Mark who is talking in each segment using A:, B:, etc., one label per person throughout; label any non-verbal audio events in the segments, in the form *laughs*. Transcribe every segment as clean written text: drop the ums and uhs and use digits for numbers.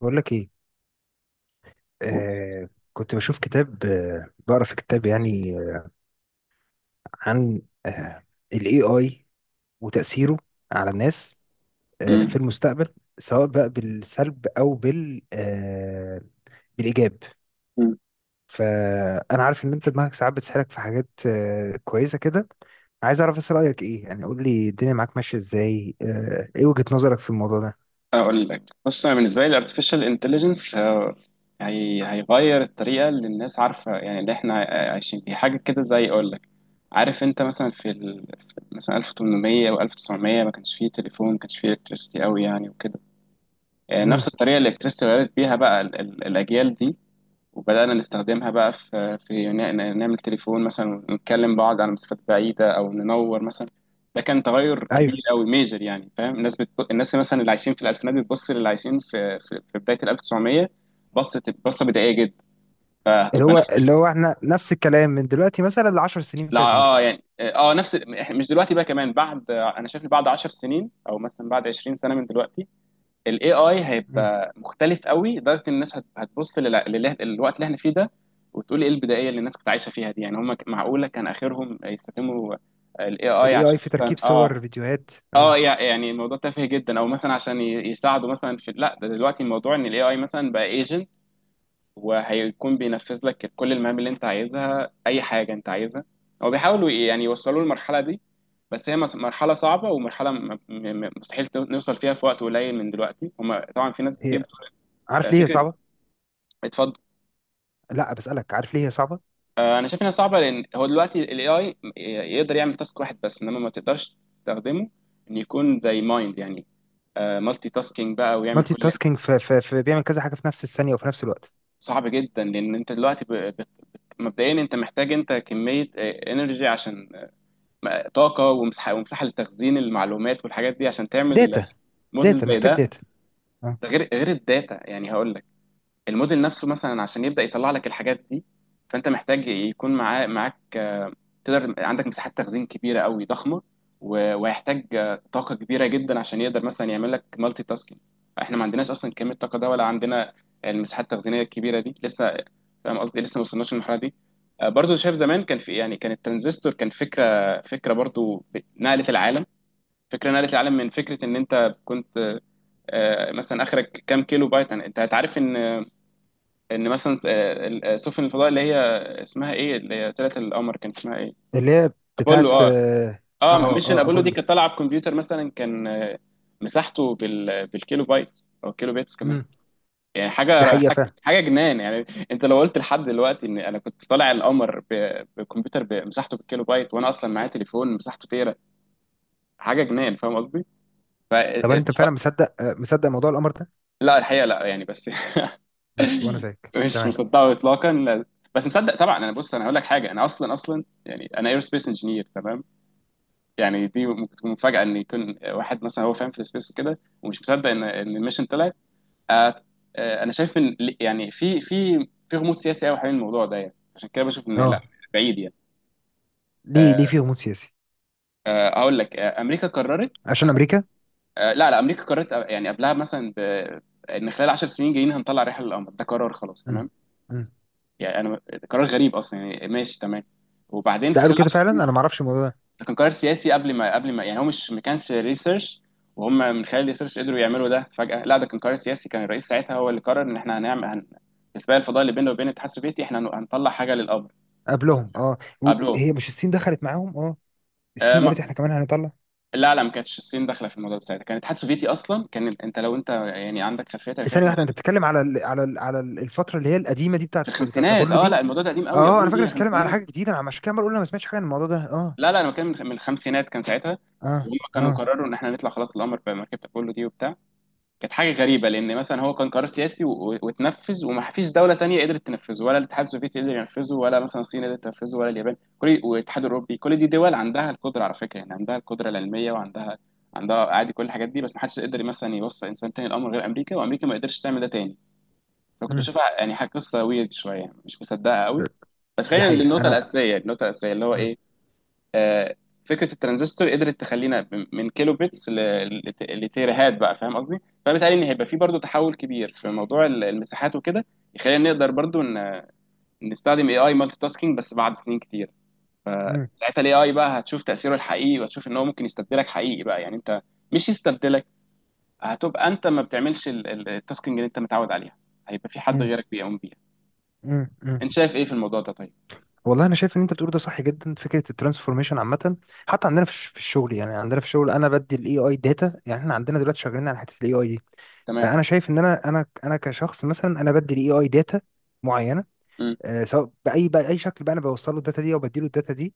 A: بقول لك ايه. كنت بشوف كتاب، بقرا في كتاب، يعني عن الاي اي وتأثيره على الناس
B: مم.
A: في المستقبل، سواء بقى بالسلب او بالايجاب.
B: مم.
A: فانا عارف ان انت دماغك ساعات بتسحرك في حاجات كويسه كده. عايز اعرف بس رايك ايه، يعني قول لي الدنيا معاك ماشيه ازاي، ايه وجهه نظرك في الموضوع ده؟
B: اقول لك بص، انا بالنسبه لي الارتفيشال انتليجنس هي هيغير الطريقه اللي الناس عارفه، يعني اللي احنا عايشين فيها، حاجه كده زي اقول لك. عارف انت مثلا في مثلا 1800 او 1900 ما كانش فيه تليفون، ما كانش فيه الكتريستي قوي يعني وكده.
A: امم.
B: نفس الطريقه اللي الكتريستي غيرت بيها بقى الاجيال دي، وبدأنا نستخدمها بقى في نعمل تليفون مثلا ونتكلم بعض على مسافات بعيدة، أو ننور مثلا. ده كان تغير كبير
A: ايوه.
B: أوي، ميجر يعني، فاهم. الناس مثلا اللي عايشين في الألفينات بتبص للي عايشين في بداية ال 1900، بصة بصة بدائية جدا.
A: اللي
B: فهتبقى
A: هو اللي هو احنا نفس الكلام من دلوقتي مثلا ل 10 سنين
B: لا
A: فاتوا مثلا.
B: اه يعني اه نفس مش دلوقتي بقى، كمان بعد، انا شايف إن بعد 10 سنين او مثلا بعد 20 سنة من دلوقتي ال AI هيبقى مختلف قوي، لدرجة ان الناس هتبص للوقت اللي احنا فيه ده وتقول ايه البدائية اللي الناس كانت عايشة فيها دي. يعني هم معقولة كان اخرهم يستخدموا ال AI
A: الاي اي
B: عشان
A: في
B: مثلا
A: تركيب صور، فيديوهات. اه.
B: يعني الموضوع تافه جدا، او مثلا عشان يساعدوا مثلا في، لا ده دلوقتي الموضوع ان ال AI مثلا بقى ايجنت، وهيكون بينفذ لك كل المهام اللي انت عايزها، اي حاجة انت عايزها. هو بيحاولوا يعني يوصلوا للمرحلة دي، بس هي مرحلة صعبة ومرحلة مستحيل نوصل فيها في وقت قليل من دلوقتي. هما طبعا في ناس
A: هي،
B: كتير.
A: عارف ليه هي
B: فكره.
A: صعبه؟
B: اتفضل.
A: لا بسالك، عارف ليه هي صعبه؟
B: انا شايف انها صعبه لان هو دلوقتي الاي اي يقدر يعمل تاسك واحد بس، انما ما تقدرش تستخدمه ان يكون زي مايند يعني، مالتي تاسكينج بقى، ويعمل
A: مالتي
B: كل اللي انت.
A: تاسكينج في بيعمل كذا حاجه في نفس الثانيه وفي نفس الوقت.
B: صعب جدا لان انت دلوقتي مبدئيا انت محتاج، انت كميه انرجي عشان طاقه ومساحه لتخزين المعلومات والحاجات دي، عشان تعمل
A: داتا.
B: موديل
A: داتا،
B: زي
A: محتاج
B: ده.
A: داتا. اه.
B: ده غير الداتا، يعني هقول لك، الموديل نفسه مثلا عشان يبدأ يطلع لك الحاجات دي، فانت محتاج يكون معاه معاك تقدر، عندك مساحات تخزين كبيرة قوي، ضخمة. وهيحتاج طاقة كبيرة جدا عشان يقدر مثلا يعمل لك مالتي تاسكينج. احنا ما عندناش اصلا كمية الطاقة ده، ولا عندنا المساحات التخزينية الكبيرة دي لسه، فاهم قصدي؟ لسه ما وصلناش للمرحلة دي. برضو شايف زمان كان في، يعني كان الترانزستور كان فكرة برضو نقلت العالم، فكرة نقلت العالم، من فكرة ان انت كنت مثلا اخرك كام كيلو بايت، انت هتعرف ان ان مثلا سفن الفضاء اللي هي اسمها ايه، اللي هي طلعت القمر، كان اسمها ايه.
A: اللي هي بتاعت،
B: ابولو، اه،
A: اه.
B: اه
A: اه،
B: ميشن
A: آه،
B: ابولو دي
A: ابولو.
B: كانت طالعه بكمبيوتر مثلا كان مساحته بالكيلو بايت، او كيلو بيتس كمان.
A: امم.
B: يعني
A: دي
B: حاجه
A: حقيقه
B: حاجه
A: فعلا.
B: حاجة جنان يعني. انت لو قلت لحد دلوقتي ان انا كنت طالع القمر بكمبيوتر بمساحته بالكيلو بايت، وانا اصلا معايا تليفون مساحته تيرا، حاجه جنان، فاهم قصدي؟ ف... آه،
A: طب
B: آه،
A: انت فعلا مصدق، مصدق موضوع القمر ده؟
B: لا الحقيقه لا يعني، بس *laughs*
A: ماشي وانا زيك
B: مش
A: تمام.
B: مصدقه اطلاقا بس مصدق طبعا. انا بص، انا هقول لك حاجه، انا اصلا، يعني انا ايرو سبيس انجينير تمام، يعني دي ممكن تكون مفاجاه ان يكون واحد مثلا هو فاهم في السبيس وكده ومش مصدق ان الميشن طلعت. آه، انا شايف ان يعني في في غموض سياسي قوي حوالين الموضوع ده، يعني عشان كده بشوف ان لا،
A: اه.
B: بعيد يعني.
A: ليه؟
B: آه،
A: ليه في غموض سياسي؟
B: اقول لك، امريكا قررت،
A: عشان امريكا.
B: لا لا، امريكا قررت، يعني قبلها مثلا ان خلال 10 سنين جايين هنطلع رحله للقمر، ده قرار خلاص
A: امم.
B: تمام.
A: امم.
B: يعني انا، قرار غريب اصلا يعني، ماشي تمام، وبعدين
A: ده
B: في
A: قالوا
B: خلال
A: كده
B: 10
A: فعلا؟
B: سنين.
A: انا ما اعرفش الموضوع ده.
B: ده كان قرار سياسي قبل ما يعني، هو مش ما كانش ريسيرش وهم من خلال الريسيرش قدروا يعملوا ده فجأة، لا ده كان قرار سياسي، كان الرئيس ساعتها هو اللي قرر ان احنا في سباق الفضاء اللي بيننا وبين الاتحاد السوفيتي احنا هنطلع حاجه للقمر.
A: قبلهم اه، و-
B: قبلهم.
A: وهي مش الصين دخلت معاهم؟ اه،
B: آه
A: الصين قالت احنا
B: ما...
A: كمان هنطلع.
B: لا لا، ما كانتش الصين داخله في الموضوع ده ساعتها، كان الاتحاد السوفيتي اصلا، كان انت لو يعني عندك خلفيه تاريخيه في
A: ثانية واحدة،
B: الموضوع
A: أنت
B: ده.
A: بتتكلم على الفترة اللي هي القديمة دي،
B: في
A: بتاعت
B: الخمسينات
A: أبولو
B: اه،
A: دي؟
B: لا الموضوع ده قديم قوي، يا
A: أه أنا
B: بيقولوا دي
A: فاكر
B: يا
A: بتتكلم على
B: خمسينات.
A: حاجة جديدة، أنا عشان كده عمال أقول أنا ما سمعتش حاجة عن الموضوع ده. أه.
B: لا لا، انا بتكلم من الخمسينات كان ساعتها،
A: أه.
B: وهم كانوا
A: أه.
B: قرروا ان احنا نطلع خلاص القمر بمركبة ابولو دي وبتاع. كانت حاجه غريبه لان مثلا هو كان قرار سياسي، واتنفذ، وما فيش دوله تانية قدرت تنفذه، ولا الاتحاد السوفيتي قدر ينفذه، ولا مثلا الصين قدرت تنفذه، ولا اليابان، كل والاتحاد الاوروبي، كل دي دول عندها القدره على فكره، يعني عندها القدره العلميه وعندها، عندها عادي كل الحاجات دي، بس ما حدش قدر مثلا يوصل انسان تاني القمر غير امريكا، وامريكا ما قدرتش تعمل ده تاني، فكنت
A: أمم.
B: بشوفها يعني حاجه قصه ويرد شويه مش مصدقها قوي. بس
A: دي
B: خلينا
A: حقيقة.
B: للنقطه
A: أنا
B: الاساسيه، النقطه الاساسيه اللي هو
A: أمم.
B: ايه. آه، فكره الترانزستور قدرت تخلينا من كيلو بيتس لتيرهات بقى، فاهم قصدي. فبالتالي ان هيبقى في برضو تحول كبير في موضوع المساحات وكده، يخلينا نقدر برضو ان نستخدم اي اي مالتي تاسكينج، بس بعد سنين كتير.
A: أمم
B: فساعتها الاي اي بقى هتشوف تاثيره الحقيقي، وهتشوف ان هو ممكن يستبدلك حقيقي بقى، يعني انت، مش يستبدلك، هتبقى انت ما بتعملش التاسكينج اللي انت متعود عليها، هيبقى في حد
A: أمم
B: غيرك بيقوم بيها.
A: أمم أمم.
B: انت شايف ايه في الموضوع ده طيب.
A: والله أنا شايف إن أنت بتقول ده صح جدا، فكرة الترانسفورميشن عامة. حتى عندنا في في الشغل، يعني عندنا في الشغل أنا بدي الإي آي داتا، يعني إحنا عندنا دلوقتي شغالين على حتة الإي آي دي.
B: تمام.
A: فأنا شايف إن أنا كشخص مثلا أنا بدي الإي آي داتا معينة.
B: م-
A: آه، سواء باي شكل بقى انا بوصل له الداتا دي او بدي له الداتا دي.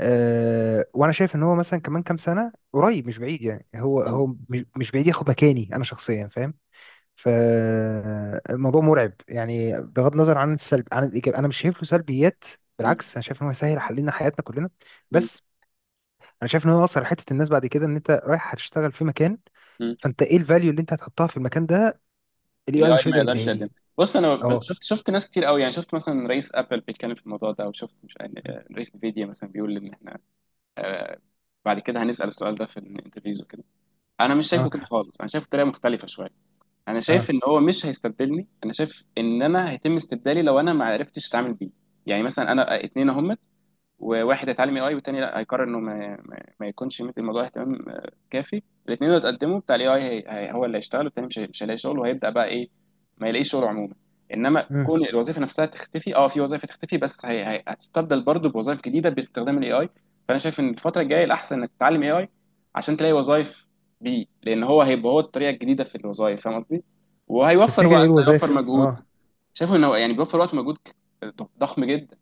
A: أه، وانا شايف ان هو مثلا كمان كام سنه قريب مش بعيد، يعني هو
B: م-
A: مش بعيد ياخد مكاني انا شخصيا، فاهم؟ فالموضوع مرعب، يعني بغض النظر عن السلب عن الايجاب، انا مش شايف له سلبيات.
B: م-
A: بالعكس، انا شايف ان هو هيسهل علينا حياتنا كلنا.
B: م-
A: بس انا شايف ان هو اثر حته الناس بعد كده، ان انت رايح هتشتغل في مكان،
B: م-
A: فانت ايه الفاليو اللي انت هتحطها في المكان ده؟ الاي اي
B: الاي
A: مش
B: ما
A: هيقدر
B: يقدرش
A: يديها
B: يقدم.
A: لي.
B: بص انا
A: اه.
B: شفت ناس كتير قوي يعني، شفت مثلا رئيس ابل بيتكلم في الموضوع ده، وشفت مش رئيس نفيديا مثلا بيقول ان احنا آه، بعد كده هنسال السؤال ده في الانترفيوز وكده. انا مش شايفه
A: اه.
B: كده خالص، انا شايفه بطريقه مختلفه شويه. انا شايف
A: اه.
B: ان هو مش هيستبدلني، انا شايف ان انا هيتم استبدالي لو انا ما عرفتش اتعامل بيه. يعني مثلا انا اتنين اهم، وواحد هيتعلم اي اي والتاني لا، هيقرر انه ما يكونش مدي الموضوع اهتمام كافي. الاثنين لو اتقدموا بتاع الاي اي، هو اللي هيشتغل، والتاني مش هيلاقي شغل، وهيبدا بقى ايه، ما يلاقيش شغل عموما. انما
A: مم.
B: كون الوظيفه نفسها تختفي، اه في وظائف تختفي، بس هتستبدل برضه بوظائف جديده باستخدام الاي اي. فانا شايف ان الفتره الجايه الاحسن انك تتعلم اي اي عشان تلاقي وظائف بيه، لان هو هيبقى هو الطريقه الجديده في الوظائف، فاهم قصدي، وهيوفر
A: تفتكر ايه
B: وقت هيوفر
A: الوظائف؟
B: مجهود.
A: اه.
B: شايفه انه يعني بيوفر وقت ومجهود ضخم جدا.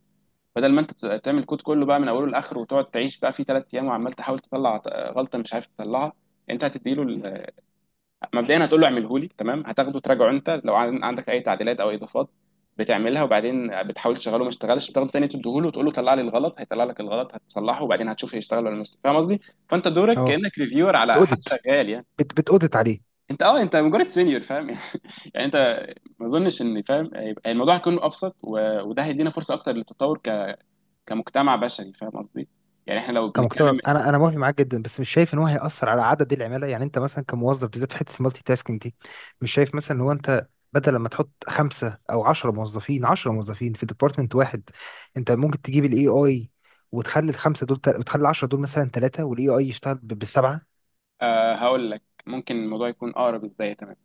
B: بدل ما انت تعمل كود كله بقى من اوله لاخره وتقعد تعيش بقى فيه ثلاث ايام وعمال تحاول تطلع غلطه مش عارف تطلعها، انت هتديله مبدئيا هتقول له اعمله لي، تمام، هتاخده تراجعه، انت لو عندك اي تعديلات او اضافات بتعملها، وبعدين بتحاول تشغله، ما اشتغلش، بتاخده تاني تديه له وتقول له طلع لي الغلط، هيطلع لك الغلط هتصلحه، وبعدين هتشوف هيشتغل ولا مش، فاهم قصدي. فانت دورك
A: اه،
B: كانك ريفيور على حد
A: بتأودت.
B: شغال يعني.
A: بتأودت عليه.
B: انت انت مجرد سينيور فاهم *laughs* يعني انت، ما اظنش ان، فاهم، هيبقى الموضوع هيكون ابسط، وده هيدينا فرصه اكتر للتطور كمجتمع بشري، فاهم قصدي. يعني احنا لو
A: كمجتمع
B: بنتكلم.
A: انا انا موافق معاك جدا، بس مش شايف ان هو هيأثر على عدد العماله، يعني انت مثلا كموظف بالذات في حته المالتي تاسكينج دي. مش شايف مثلا ان هو انت بدل لما تحط خمسه او عشرة موظفين، في ديبارتمنت واحد، انت ممكن تجيب الاي اي وتخلي وتخلي العشرة دول مثلا ثلاثه، والاي اي يشتغل بالسبعه.
B: آه هقول لك ممكن الموضوع يكون اقرب ازاي تمام.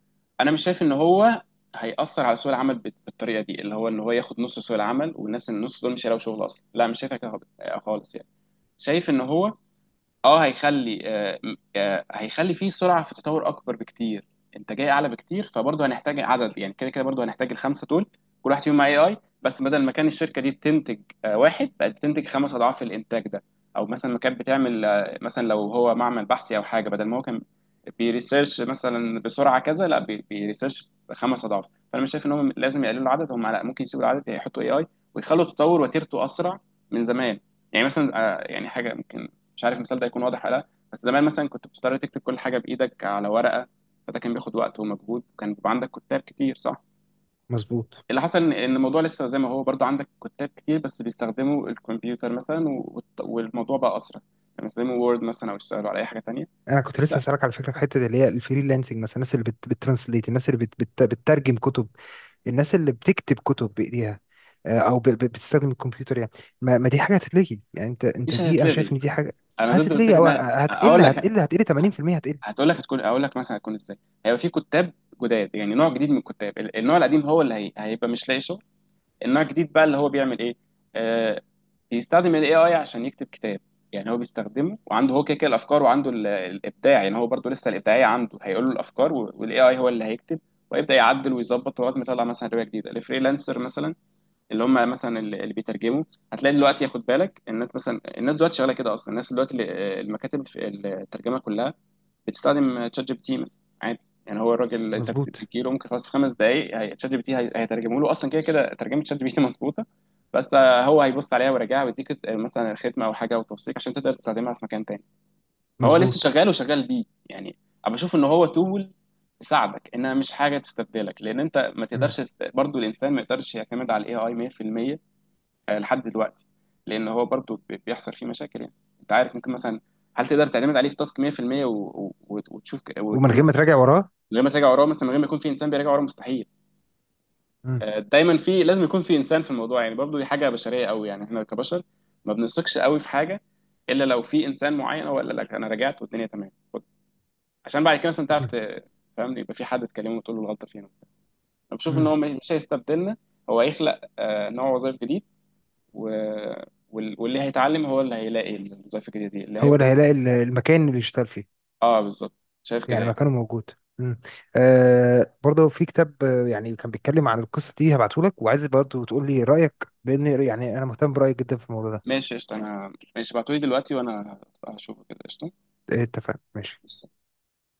B: انا مش شايف ان هو هيأثر على سوق العمل بالطريقه دي، اللي هو ان هو ياخد نص سوق العمل والناس النص دول مش هيلاقوا شغل اصلا، لا مش شايفها كده خالص يعني. شايف ان هو، اه هيخلي هيخلي فيه سرعه في تطور اكبر بكتير، انتاجيه اعلى بكتير، فبرضه هنحتاج عدد يعني، كده كده برضه هنحتاج الخمسه دول، كل واحد فيهم مع اي اي، بس بدل ما كان الشركه دي بتنتج واحد، بقت بتنتج خمس اضعاف الانتاج ده. او مثلا ما كانت بتعمل مثلا، لو هو معمل بحثي او حاجه، بدل ما هو كان بيريسيرش مثلا بسرعه كذا، لا بيريسيرش خمس اضعاف. فانا مش شايف ان هم لازم يقللوا العدد، هم لا، ممكن يسيبوا العدد يحطوا اي اي، ويخلوا التطور وتيرته اسرع من زمان. يعني مثلا يعني حاجه ممكن، مش عارف المثال ده هيكون واضح ولا لا، بس زمان مثلا كنت بتضطر تكتب كل حاجه بايدك على ورقه، فده كان بياخد وقت ومجهود، وكان بيبقى عندك كتاب كتير، صح.
A: مظبوط.
B: اللي حصل ان الموضوع لسه زي ما هو، برضه عندك كتاب كتير، بس بيستخدموا الكمبيوتر مثلا، والموضوع بقى اسرع، لما يستخدموا وورد مثلا او يشتغلوا على اي حاجه تانيه.
A: انا كنت
B: بس
A: لسه
B: لا،
A: هسألك على فكره في حته اللي هي الفريلانسنج، مثلا الناس بتترانسليت، الناس بتترجم كتب، الناس اللي بتكتب كتب بايديها، آه، او بتستخدم الكمبيوتر يعني. ما دي حاجه هتتلغي، يعني انت انت
B: مش
A: دي انا شايف ان
B: هتتلغي.
A: دي حاجه
B: انا ضد
A: هتتلغي
B: الفكره
A: او آه،
B: ان اقول لك،
A: هتقل 80%، هتقل.
B: هتقول لك هتكون اقول لك مثلا هتكون ازاي. هيبقى في كتاب جداد، يعني نوع جديد من الكتاب. النوع القديم هو هيبقى مش لاقي شغل، النوع الجديد بقى اللي هو بيعمل ايه، آه بيستخدم الاي اي عشان يكتب كتاب. يعني هو بيستخدمه وعنده هو كده كده الافكار، وعنده الابداع، يعني هو برضو لسه الابداعيه عنده، هيقول له الافكار والاي اي هو اللي هيكتب، ويبدا يعدل ويظبط لغايه ما يطلع مثلا روايه جديده. الفريلانسر مثلا، اللي هم مثلا اللي بيترجموا، هتلاقي دلوقتي، ياخد بالك، الناس مثلا، الناس دلوقتي شغاله كده اصلا، الناس دلوقتي المكاتب الترجمه كلها بتستخدم تشات جي بي تي مثلا عادي. يعني هو الراجل انت
A: مظبوط.
B: بتجيله ممكن خلاص في خمس دقائق تشات جي بي تي هيترجمه له اصلا، كده كده ترجمه تشات جي بي تي *laughs* مظبوطه. بس هو هيبص عليها ويراجعها ويديك مثلا الختمه او حاجه وتوثيق عشان تقدر تستخدمها في مكان تاني. فهو لسه
A: مظبوط.
B: شغال وشغال بيه يعني. انا بشوف ان هو تول تساعدك، انها مش حاجه تستبدلك، لان انت ما
A: مم.
B: تقدرش برضو الانسان ما يقدرش يعتمد على الاي اي مية في المية، لحد دلوقتي، لان هو برضو بيحصل فيه مشاكل يعني. انت عارف ممكن مثلا هل تقدر تعتمد عليه في تاسك 100%، وتشوف
A: ومن
B: وتكمل
A: غير ما تراجع وراه.
B: من غير ما تراجع وراه، مثلا من غير ما يكون في انسان بيراجع وراه مستحيل.
A: مم.
B: دايما في، لازم يكون في انسان في الموضوع، يعني برضو دي حاجه بشريه قوي، يعني احنا كبشر ما بنثقش قوي في حاجه الا لو في انسان معين هو قال لك انا رجعت والدنيا تمام، خد، عشان بعد كده مثلا تعرف
A: مم.
B: فاهمني، يبقى في حد تكلمه وتقول له الغلطه فين. انا بشوف ان هو
A: مم.
B: مش هيستبدلنا، هو هيخلق نوع وظائف جديد، و... واللي هيتعلم هو اللي هيلاقي الوظائف الجديدة دي اللي
A: هو اللي
B: هيفضل.
A: هيلاقي المكان اللي يشتغل فيه.
B: اه بالظبط، شايف كده
A: يعني
B: يعني.
A: مكانه موجود. مم. آه برضه في كتاب، آه، يعني كان بيتكلم عن القصه دي، هبعته لك وعايز برضه تقول لي رايك، لان يعني انا مهتم برايك جدا في الموضوع ده.
B: ماشي قشطة، انا ماشي، ابعتولي دلوقتي وانا هشوفه، كده قشطة.
A: اتفقنا، ماشي.